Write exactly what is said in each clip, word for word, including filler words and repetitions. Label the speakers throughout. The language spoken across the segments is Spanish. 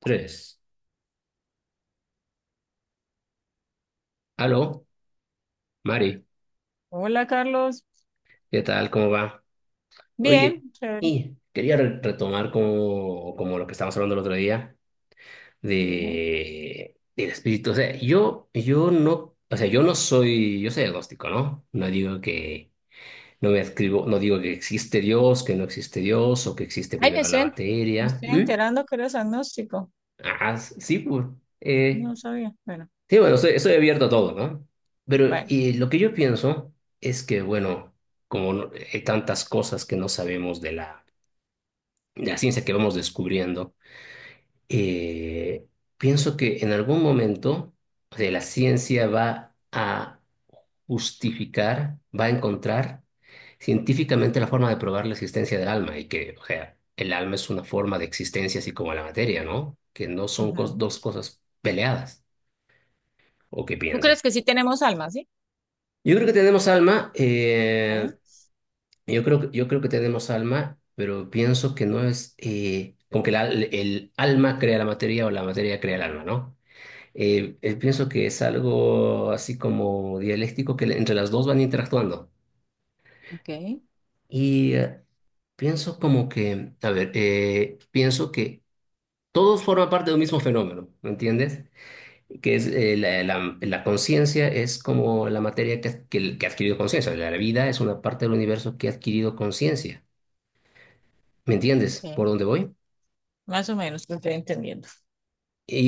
Speaker 1: Tres. Aló, Mari,
Speaker 2: Hola Carlos,
Speaker 1: ¿qué tal? ¿Cómo va? Oye,
Speaker 2: bien, chévere,
Speaker 1: y quería re- retomar como, como lo que estábamos hablando el otro día
Speaker 2: bien.
Speaker 1: de, del espíritu. O sea, yo, yo no, o sea, yo no soy, yo soy agnóstico, ¿no? No digo que, no me escribo, no digo que existe Dios, que no existe Dios, o que existe
Speaker 2: Ay, me
Speaker 1: primero la
Speaker 2: estoy, en- me
Speaker 1: materia.
Speaker 2: estoy
Speaker 1: ¿Mm?
Speaker 2: enterando que eres agnóstico,
Speaker 1: Ah, sí, pues. eh,
Speaker 2: no sabía. Bueno,
Speaker 1: Sí, bueno, estoy, estoy abierto a todo, ¿no? Pero
Speaker 2: bueno.
Speaker 1: y lo que yo pienso es que, bueno, como no- hay tantas cosas que no sabemos de la, de la ciencia que vamos descubriendo, eh, pienso que en algún momento, o sea, la ciencia va a justificar, va a encontrar científicamente la forma de probar la existencia del alma y que, o sea, el alma es una forma de existencia así como la materia, ¿no? Que no son cos-
Speaker 2: Ujú.
Speaker 1: dos cosas peleadas. ¿O qué
Speaker 2: ¿Tú crees
Speaker 1: piensas?
Speaker 2: que sí tenemos alma, sí?
Speaker 1: Yo creo que tenemos alma,
Speaker 2: Ok,
Speaker 1: eh, yo creo, yo creo que tenemos alma, pero pienso que no es eh, como que la- el alma crea la materia o la materia crea el alma, ¿no? Eh, eh, pienso que es algo así como dialéctico que le- entre las dos van interactuando.
Speaker 2: ok,
Speaker 1: Y eh, pienso como que, a ver, eh, pienso que todos forman parte de un mismo fenómeno, ¿me entiendes? Que es eh, la, la- la conciencia es como la materia que, ha- que, que ha adquirido conciencia. La vida es una parte del universo que ha adquirido conciencia. ¿Me entiendes
Speaker 2: ok.
Speaker 1: por dónde voy?
Speaker 2: Más o menos lo estoy entendiendo.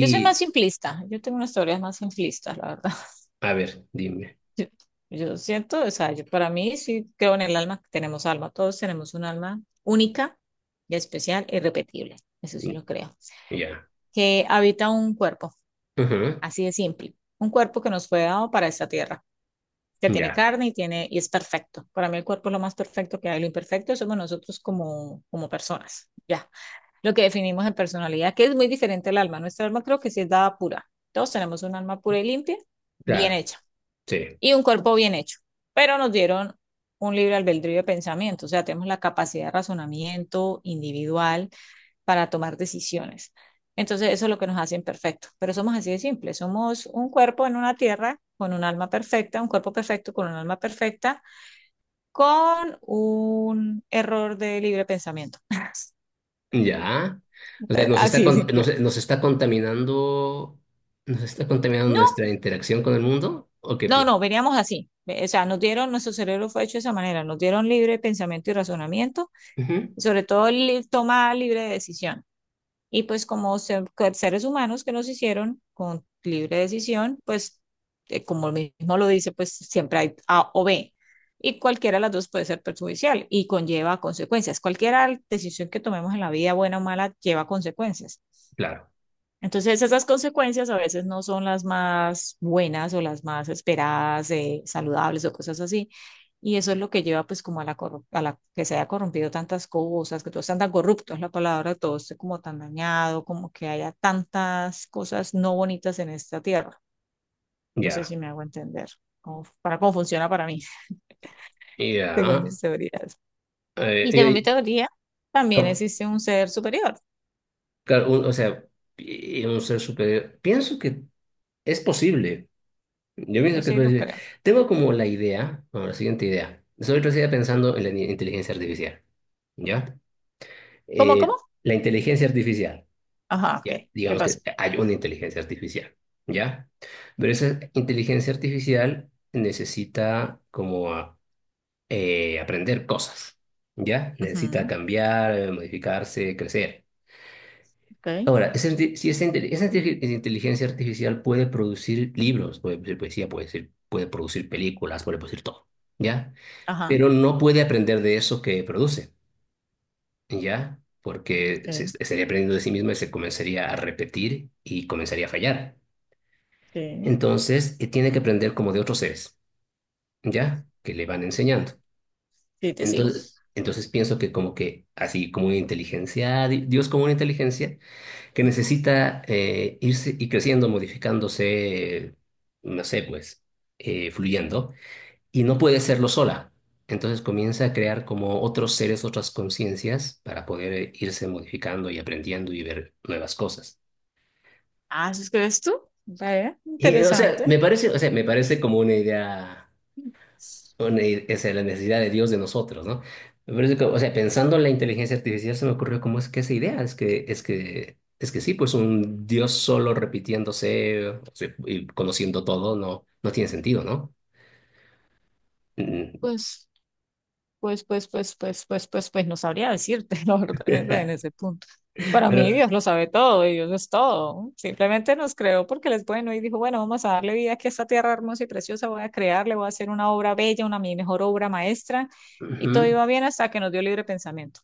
Speaker 2: Yo soy más simplista, yo tengo unas teorías más simplistas, la verdad.
Speaker 1: a ver, dime.
Speaker 2: Yo, yo siento, o sea, yo para mí sí creo en el alma, que tenemos alma, todos tenemos un alma única y especial e irrepetible, eso sí lo creo,
Speaker 1: Ya.
Speaker 2: que habita un cuerpo.
Speaker 1: Ujú.
Speaker 2: Así de simple. Un cuerpo que nos fue dado para esta tierra, que tiene
Speaker 1: Ya,
Speaker 2: carne y tiene y es perfecto. Para mí el cuerpo es lo más perfecto que hay. Lo imperfecto somos nosotros como, como personas. Ya. Lo que definimos en personalidad, que es muy diferente al alma. Nuestra alma creo que sí es dada pura. Todos tenemos un alma pura y limpia, bien
Speaker 1: claro.
Speaker 2: hecha,
Speaker 1: Sí.
Speaker 2: y un cuerpo bien hecho. Pero nos dieron un libre albedrío de pensamiento, o sea, tenemos la capacidad de razonamiento individual para tomar decisiones. Entonces, eso es lo que nos hace imperfectos, pero somos así de simple, somos un cuerpo en una tierra con un alma perfecta, un cuerpo perfecto con un alma perfecta, con un error de libre pensamiento.
Speaker 1: Ya. O sea, nos está,
Speaker 2: Así de
Speaker 1: con-
Speaker 2: simple.
Speaker 1: nos, nos está contaminando, nos está contaminando
Speaker 2: No,
Speaker 1: nuestra interacción con el mundo, ¿o qué
Speaker 2: no,
Speaker 1: piensas?
Speaker 2: no, veníamos así. O sea, nos dieron, nuestro cerebro fue hecho de esa manera, nos dieron libre pensamiento y razonamiento,
Speaker 1: Ujú.
Speaker 2: sobre todo li- toma libre decisión. Y pues como se- que seres humanos que nos hicieron con libre decisión, pues eh, como mismo lo dice, pues siempre hay A o B. Y cualquiera de las dos puede ser perjudicial y conlleva consecuencias. Cualquier decisión que tomemos en la vida, buena o mala, lleva consecuencias.
Speaker 1: Claro.
Speaker 2: Entonces, esas consecuencias a veces no son las más buenas o las más esperadas, eh, saludables o cosas así. Y eso es lo que lleva pues como a la, corru- a la que se haya corrompido tantas cosas, que todo esté tan corrupto, es la palabra, todo esté como tan dañado, como que haya tantas cosas no bonitas en esta tierra. No sé
Speaker 1: Ya.
Speaker 2: si me hago entender cómo- para cómo funciona para mí,
Speaker 1: Ya.
Speaker 2: según mis teorías.
Speaker 1: Eh,
Speaker 2: Y según
Speaker 1: eh,
Speaker 2: mi teoría, también
Speaker 1: ¿cómo?
Speaker 2: existe un ser superior.
Speaker 1: Claro, un- o sea, pi- un ser superior. Pienso que es posible. Yo
Speaker 2: Yo
Speaker 1: pienso que es
Speaker 2: sí lo
Speaker 1: posible.
Speaker 2: creo.
Speaker 1: Tengo como la idea, como la siguiente idea. Soy todavía pensando en la ni- inteligencia artificial. ¿Ya?
Speaker 2: ¿Cómo, cómo?
Speaker 1: Eh, la inteligencia artificial.
Speaker 2: Ajá, ok.
Speaker 1: Ya,
Speaker 2: ¿Qué
Speaker 1: digamos
Speaker 2: pasa?
Speaker 1: que hay una inteligencia artificial. ¿Ya? Pero esa inteligencia artificial necesita como a- eh, aprender cosas. ¿Ya? Necesita
Speaker 2: Ujú,
Speaker 1: cambiar, eh, modificarse, crecer.
Speaker 2: ok.
Speaker 1: Ahora, esa, inte- si esa, inte- esa inte- esa inteligencia artificial puede producir libros, puede producir poesía, puede decir- puede producir películas, puede producir todo, ¿ya?
Speaker 2: Ajá,
Speaker 1: Pero no puede aprender de eso que produce, ¿ya? Porque se-
Speaker 2: sí,
Speaker 1: estaría aprendiendo de sí misma y se comenzaría a repetir y comenzaría a fallar.
Speaker 2: sí,
Speaker 1: Entonces, eh, tiene que aprender como de otros seres, ¿ya? Que le van enseñando.
Speaker 2: sí, te sigo.
Speaker 1: Entonces, entonces pienso que como que así como una inteligencia, di- Dios como una inteligencia que necesita eh, irse y creciendo, modificándose, no sé, pues, eh, fluyendo, y no puede hacerlo sola. Entonces comienza a crear como otros seres, otras conciencias para poder eh, irse modificando y aprendiendo y ver nuevas cosas.
Speaker 2: Ah, ¿sí crees tú? Vaya,
Speaker 1: Y, o sea,
Speaker 2: interesante.
Speaker 1: me parece, o sea, me parece como una idea, una i- esa es la necesidad de Dios de nosotros, ¿no? Me parece que, o sea, pensando en la inteligencia artificial se me ocurrió cómo es que esa idea, es que, es que, es que sí, pues un Dios solo repitiéndose, o sea, y conociendo todo no, no tiene sentido, ¿no? Mm.
Speaker 2: Pues, pues, pues, pues, pues, pues, pues, pues, no sabría decirte, la verdad, en ese, en ese punto. Para mí,
Speaker 1: Pero,
Speaker 2: Dios lo sabe todo, y Dios es todo. Simplemente nos creó porque él es bueno y dijo, bueno, vamos a darle vida aquí a esta tierra hermosa y preciosa, voy a crearle, voy a hacer una obra bella, una mi mejor obra maestra, y todo
Speaker 1: ujú.
Speaker 2: iba bien hasta que nos dio libre pensamiento.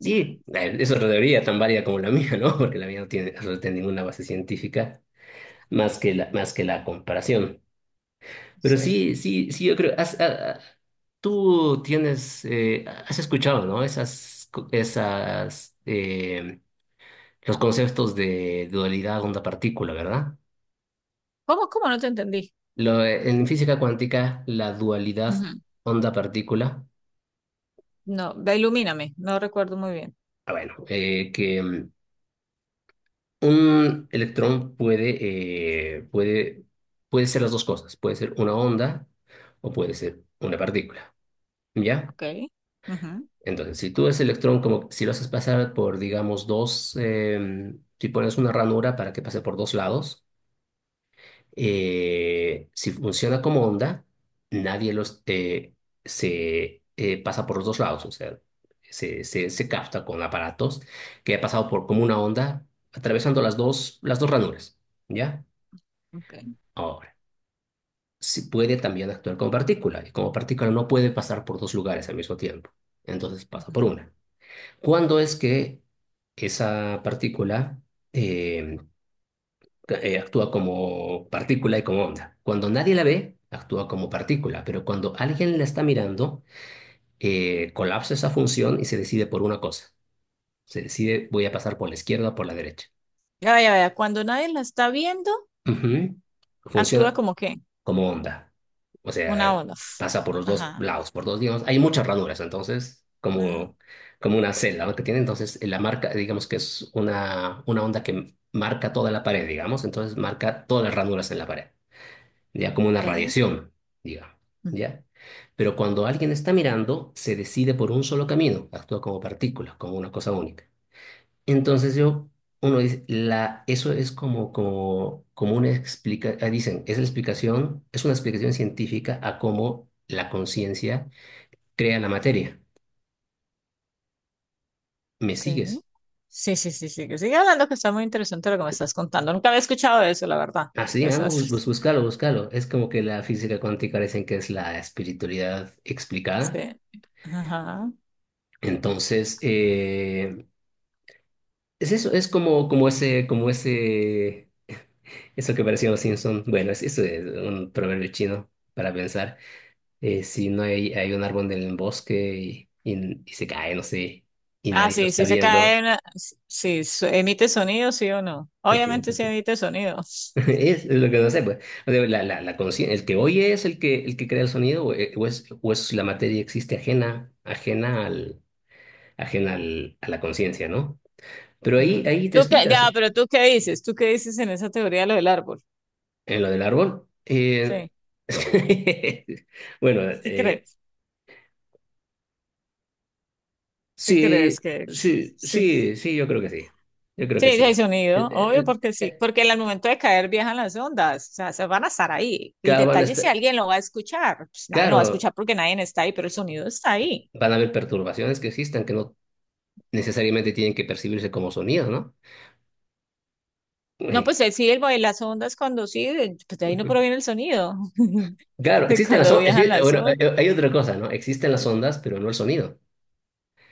Speaker 1: Y eh, es otra teoría tan válida como la mía, ¿no? Porque la mía no tiene, no tiene ninguna base científica más que la, más que la comparación. Pero
Speaker 2: Sí.
Speaker 1: sí, sí, sí, yo creo, has- ah, ah, tú tienes, eh, has escuchado, ¿no? Esas, co- esas, eh, los conceptos de dualidad onda-partícula, ¿verdad?
Speaker 2: ¿Cómo, cómo no te entendí?
Speaker 1: Lo, eh, en física cuántica, la dualidad
Speaker 2: Ujú.
Speaker 1: onda-partícula,
Speaker 2: No, ve, ilumíname, no recuerdo muy bien.
Speaker 1: ah, bueno, eh, que mm, un electrón puede, eh, puede, puede ser las dos cosas, puede ser una onda o puede ser una partícula, ¿ya?
Speaker 2: Ok. Ujú.
Speaker 1: Entonces, si tú ese electrón, como si lo haces pasar por, digamos, dos, eh, si pones una ranura para que pase por dos lados, eh, si funciona como onda, nadie los, eh, se eh, pasa por los dos lados, o sea, se, se, se capta con aparatos que ha pasado por como una onda, atravesando las dos, las dos ranuras, ¿ya?
Speaker 2: Ok.
Speaker 1: Ahora, si puede también actuar como partícula, y como partícula no puede pasar por dos lugares al mismo tiempo, entonces pasa por
Speaker 2: Ujú.
Speaker 1: una. ¿Cuándo es que esa partícula eh, eh, actúa como partícula y como onda? Cuando nadie la ve, actúa como partícula, pero cuando alguien la está mirando, eh, colapsa esa función y se decide por una cosa. Se decide, voy a pasar por la izquierda o por la derecha.
Speaker 2: Ya, vaya, vaya. Cuando nadie la está viendo,
Speaker 1: Ujú.
Speaker 2: actúa
Speaker 1: Funciona
Speaker 2: como que
Speaker 1: como onda. O
Speaker 2: una
Speaker 1: sea,
Speaker 2: ola.
Speaker 1: pasa por los dos
Speaker 2: Ajá,
Speaker 1: lados, por dos, digamos, hay muchas ranuras, entonces,
Speaker 2: ajá.
Speaker 1: como, como una celda, ¿no? Que tiene, entonces, la marca, digamos que es una, una onda que marca toda la pared, digamos, entonces marca todas las ranuras en la pared, ya como una
Speaker 2: Ok.
Speaker 1: radiación, digamos,
Speaker 2: Mm,
Speaker 1: ¿ya? Pero cuando alguien está mirando, se decide por un solo camino, actúa como partícula, como una cosa única. Entonces yo, uno dice, la, eso es como, como, como una explicación, dicen, es la explicación, es una explicación científica a cómo la conciencia crea la materia. ¿Me
Speaker 2: ok.
Speaker 1: sigues?
Speaker 2: Sí, sí, sí, sí. que Sigue hablando que está muy interesante lo que me estás contando. Nunca había escuchado eso, la verdad.
Speaker 1: Así, ah, no, bú- bú-
Speaker 2: Esas-
Speaker 1: búscalo, búscalo. Es como que la física cuántica dicen que es la espiritualidad explicada.
Speaker 2: Sí. Ajá.
Speaker 1: Entonces, eh, es eso, es como, como ese, como ese, eso que parecía los Simpson. Bueno, es, eso es un proverbio chino para pensar. Eh, si no hay, hay un árbol en el bosque y, y- y se cae, no sé, y
Speaker 2: Ah,
Speaker 1: nadie lo
Speaker 2: sí,
Speaker 1: está
Speaker 2: sí se cae
Speaker 1: viendo.
Speaker 2: una- sí, su- emite sonido, sí o no. Obviamente sí
Speaker 1: Entonces,
Speaker 2: emite sonido.
Speaker 1: es lo que no sé, pues. O sea, la, la, la consci- el que oye es el que, el que crea el sonido, o, eh, o es, o es la materia existe ajena, ajena al, ajena al, a la conciencia, ¿no? Pero ahí,
Speaker 2: Ajá.
Speaker 1: ahí te
Speaker 2: ¿Tú qué? Ya,
Speaker 1: explicas
Speaker 2: pero ¿tú qué dices? ¿Tú qué dices en esa teoría de lo del árbol?
Speaker 1: en lo del árbol. eh,
Speaker 2: Sí.
Speaker 1: bueno,
Speaker 2: ¿Qué
Speaker 1: eh,
Speaker 2: crees? ¿Qué
Speaker 1: sí,
Speaker 2: crees que
Speaker 1: sí,
Speaker 2: sí?
Speaker 1: sí, sí, yo creo que sí. Yo creo que
Speaker 2: Sí, sí
Speaker 1: sí.
Speaker 2: hay sonido,
Speaker 1: El-
Speaker 2: obvio,
Speaker 1: el-
Speaker 2: porque sí,
Speaker 1: el-
Speaker 2: porque en el momento de caer viajan las ondas, o sea, se van a estar ahí. El
Speaker 1: Claro, van a
Speaker 2: detalle es si
Speaker 1: estar.
Speaker 2: alguien lo va a escuchar, pues nadie lo va a
Speaker 1: Claro,
Speaker 2: escuchar porque nadie está ahí, pero el sonido está ahí.
Speaker 1: van a haber perturbaciones que existan que no necesariamente tienen que percibirse como sonidos, ¿no?
Speaker 2: No,
Speaker 1: Eh,
Speaker 2: pues eh, sí, el, de las ondas cuando sí, de- pues de ahí no
Speaker 1: ujú.
Speaker 2: proviene el sonido,
Speaker 1: Claro,
Speaker 2: de
Speaker 1: existen las
Speaker 2: cuando
Speaker 1: ondas,
Speaker 2: viajan
Speaker 1: bueno, eh,
Speaker 2: las
Speaker 1: bueno,
Speaker 2: ondas.
Speaker 1: eh, hay otra cosa, ¿no? Existen las ondas, pero no el sonido.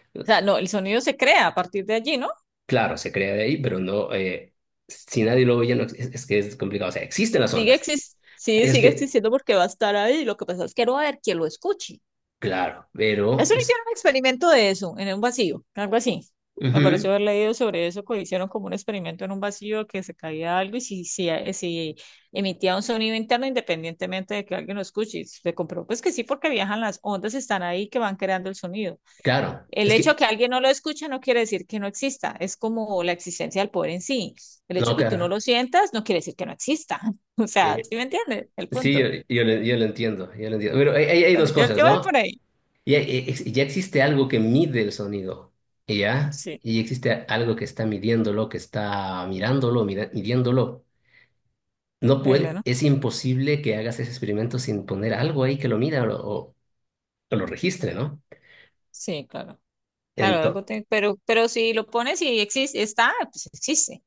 Speaker 2: O sea, no, el sonido se crea a partir de allí, ¿no?
Speaker 1: Claro, se crea de ahí, pero no, eh, si nadie lo oye, no ex- es, es que es complicado. O sea, existen las
Speaker 2: Sigue
Speaker 1: ondas.
Speaker 2: exis- sí,
Speaker 1: Es
Speaker 2: sigue
Speaker 1: que,
Speaker 2: existiendo porque va a estar ahí, lo que pasa es que no va a haber quien lo escuche.
Speaker 1: claro, pero
Speaker 2: Eso no
Speaker 1: es,
Speaker 2: hicieron un experimento de eso, en un vacío, algo así. Me pareció
Speaker 1: ujú,
Speaker 2: haber leído sobre eso, que hicieron como un experimento en un vacío que se caía algo y si, si, eh, si emitía un sonido interno independientemente de que alguien lo escuche. Y se comprobó pues que sí, porque viajan las ondas, están ahí que van creando el sonido.
Speaker 1: claro,
Speaker 2: El
Speaker 1: es
Speaker 2: hecho de
Speaker 1: que,
Speaker 2: que alguien no lo escuche no quiere decir que no exista, es como la existencia del poder en sí. El hecho
Speaker 1: no,
Speaker 2: de que tú no
Speaker 1: claro.
Speaker 2: lo sientas no quiere decir que no exista. O sea,
Speaker 1: eh,
Speaker 2: ¿sí me entiendes? El
Speaker 1: sí, yo,
Speaker 2: punto.
Speaker 1: yo, lo yo lo entiendo, yo lo entiendo. Pero hay, hay hay
Speaker 2: Pero
Speaker 1: dos
Speaker 2: yo,
Speaker 1: cosas,
Speaker 2: yo voy por
Speaker 1: ¿no?
Speaker 2: ahí.
Speaker 1: Ya, eh, ex- ya existe algo que mide el sonido, ¿ya?
Speaker 2: Así,
Speaker 1: Y existe algo que está midiéndolo, que está mirándolo, mira- midiéndolo. No
Speaker 2: increíble,
Speaker 1: puede,
Speaker 2: ¿no?
Speaker 1: es imposible que hagas ese experimento sin poner algo ahí que lo mida o, lo o- o lo registre, ¿no?
Speaker 2: Sí, claro. Claro, algo
Speaker 1: Entonces,
Speaker 2: te- pero, pero si lo pones y existe, está, pues existe.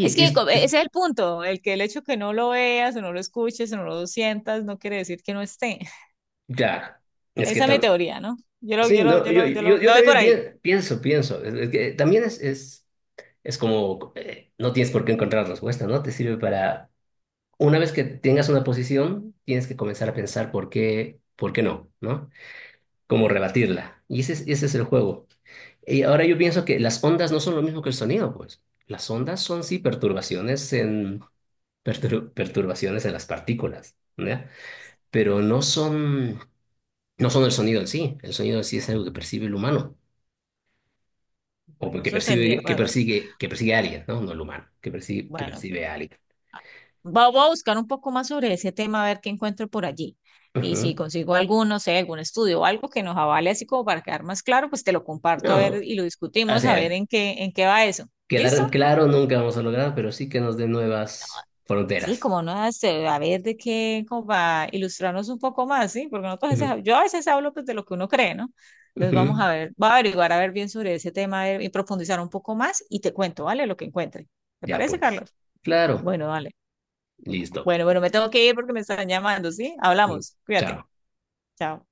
Speaker 2: Es que
Speaker 1: es,
Speaker 2: co- ese
Speaker 1: es-
Speaker 2: es el punto, el que el hecho que no lo veas o no lo escuches o no lo sientas no quiere decir que no esté.
Speaker 1: claro, es
Speaker 2: Esa
Speaker 1: que
Speaker 2: es mi
Speaker 1: tam-
Speaker 2: teoría, ¿no? Yo lo,
Speaker 1: sí,
Speaker 2: yo lo,
Speaker 1: no,
Speaker 2: yo
Speaker 1: yo,
Speaker 2: lo, yo lo,
Speaker 1: yo,
Speaker 2: me
Speaker 1: yo
Speaker 2: voy por
Speaker 1: también
Speaker 2: ahí.
Speaker 1: pien- pienso, pienso, es, es que también es, es, es como, eh, no tienes por qué encontrar respuesta, ¿no? Te sirve para, una vez que tengas una posición, tienes que comenzar a pensar por qué, por qué no, ¿no? Cómo
Speaker 2: Sí.
Speaker 1: rebatirla. Y ese es, ese es el juego. Y ahora yo pienso
Speaker 2: Ay,
Speaker 1: que las ondas no son lo mismo que el sonido, pues. Las ondas son sí perturbaciones en, pertur- perturbaciones en las partículas, ¿ya? Pero no son, no son el sonido en sí. El sonido en sí es algo que percibe el humano, o
Speaker 2: bueno,
Speaker 1: que
Speaker 2: eso
Speaker 1: percibe,
Speaker 2: tendría,
Speaker 1: que
Speaker 2: bueno,
Speaker 1: persigue, que persigue a alguien, ¿no? No el humano, que percibe, que
Speaker 2: bueno.
Speaker 1: percibe a alguien.
Speaker 2: Ah, va- voy a buscar un poco más sobre ese tema, a ver qué encuentro por allí. Y
Speaker 1: Ujú.
Speaker 2: si consigo algún, no sé, algún estudio o algo que nos avale así como para quedar más claro, pues te lo comparto a ver
Speaker 1: No,
Speaker 2: y lo
Speaker 1: o
Speaker 2: discutimos a ver
Speaker 1: sea,
Speaker 2: en qué, en qué va eso.
Speaker 1: quedar
Speaker 2: ¿Listo?
Speaker 1: claro nunca vamos a lograr, pero sí que nos dé nuevas
Speaker 2: Sí,
Speaker 1: fronteras.
Speaker 2: como no, hace- a ver de qué, como para ilustrarnos un poco más, ¿sí? Porque nosotros a
Speaker 1: Ujú,
Speaker 2: veces- yo a veces hablo pues, de lo que uno cree, ¿no? Entonces vamos
Speaker 1: ujú.
Speaker 2: a ver, va a averiguar a ver bien sobre ese tema a ver, y profundizar un poco más y te cuento, ¿vale? Lo que encuentre. ¿Te
Speaker 1: Ya
Speaker 2: parece,
Speaker 1: pues.
Speaker 2: Carlos?
Speaker 1: Claro.
Speaker 2: Bueno, vale.
Speaker 1: Listo.
Speaker 2: Bueno, bueno, me tengo que ir porque me están llamando, ¿sí?
Speaker 1: Ujú.
Speaker 2: Hablamos. Cuídate.
Speaker 1: Chao.
Speaker 2: Chao.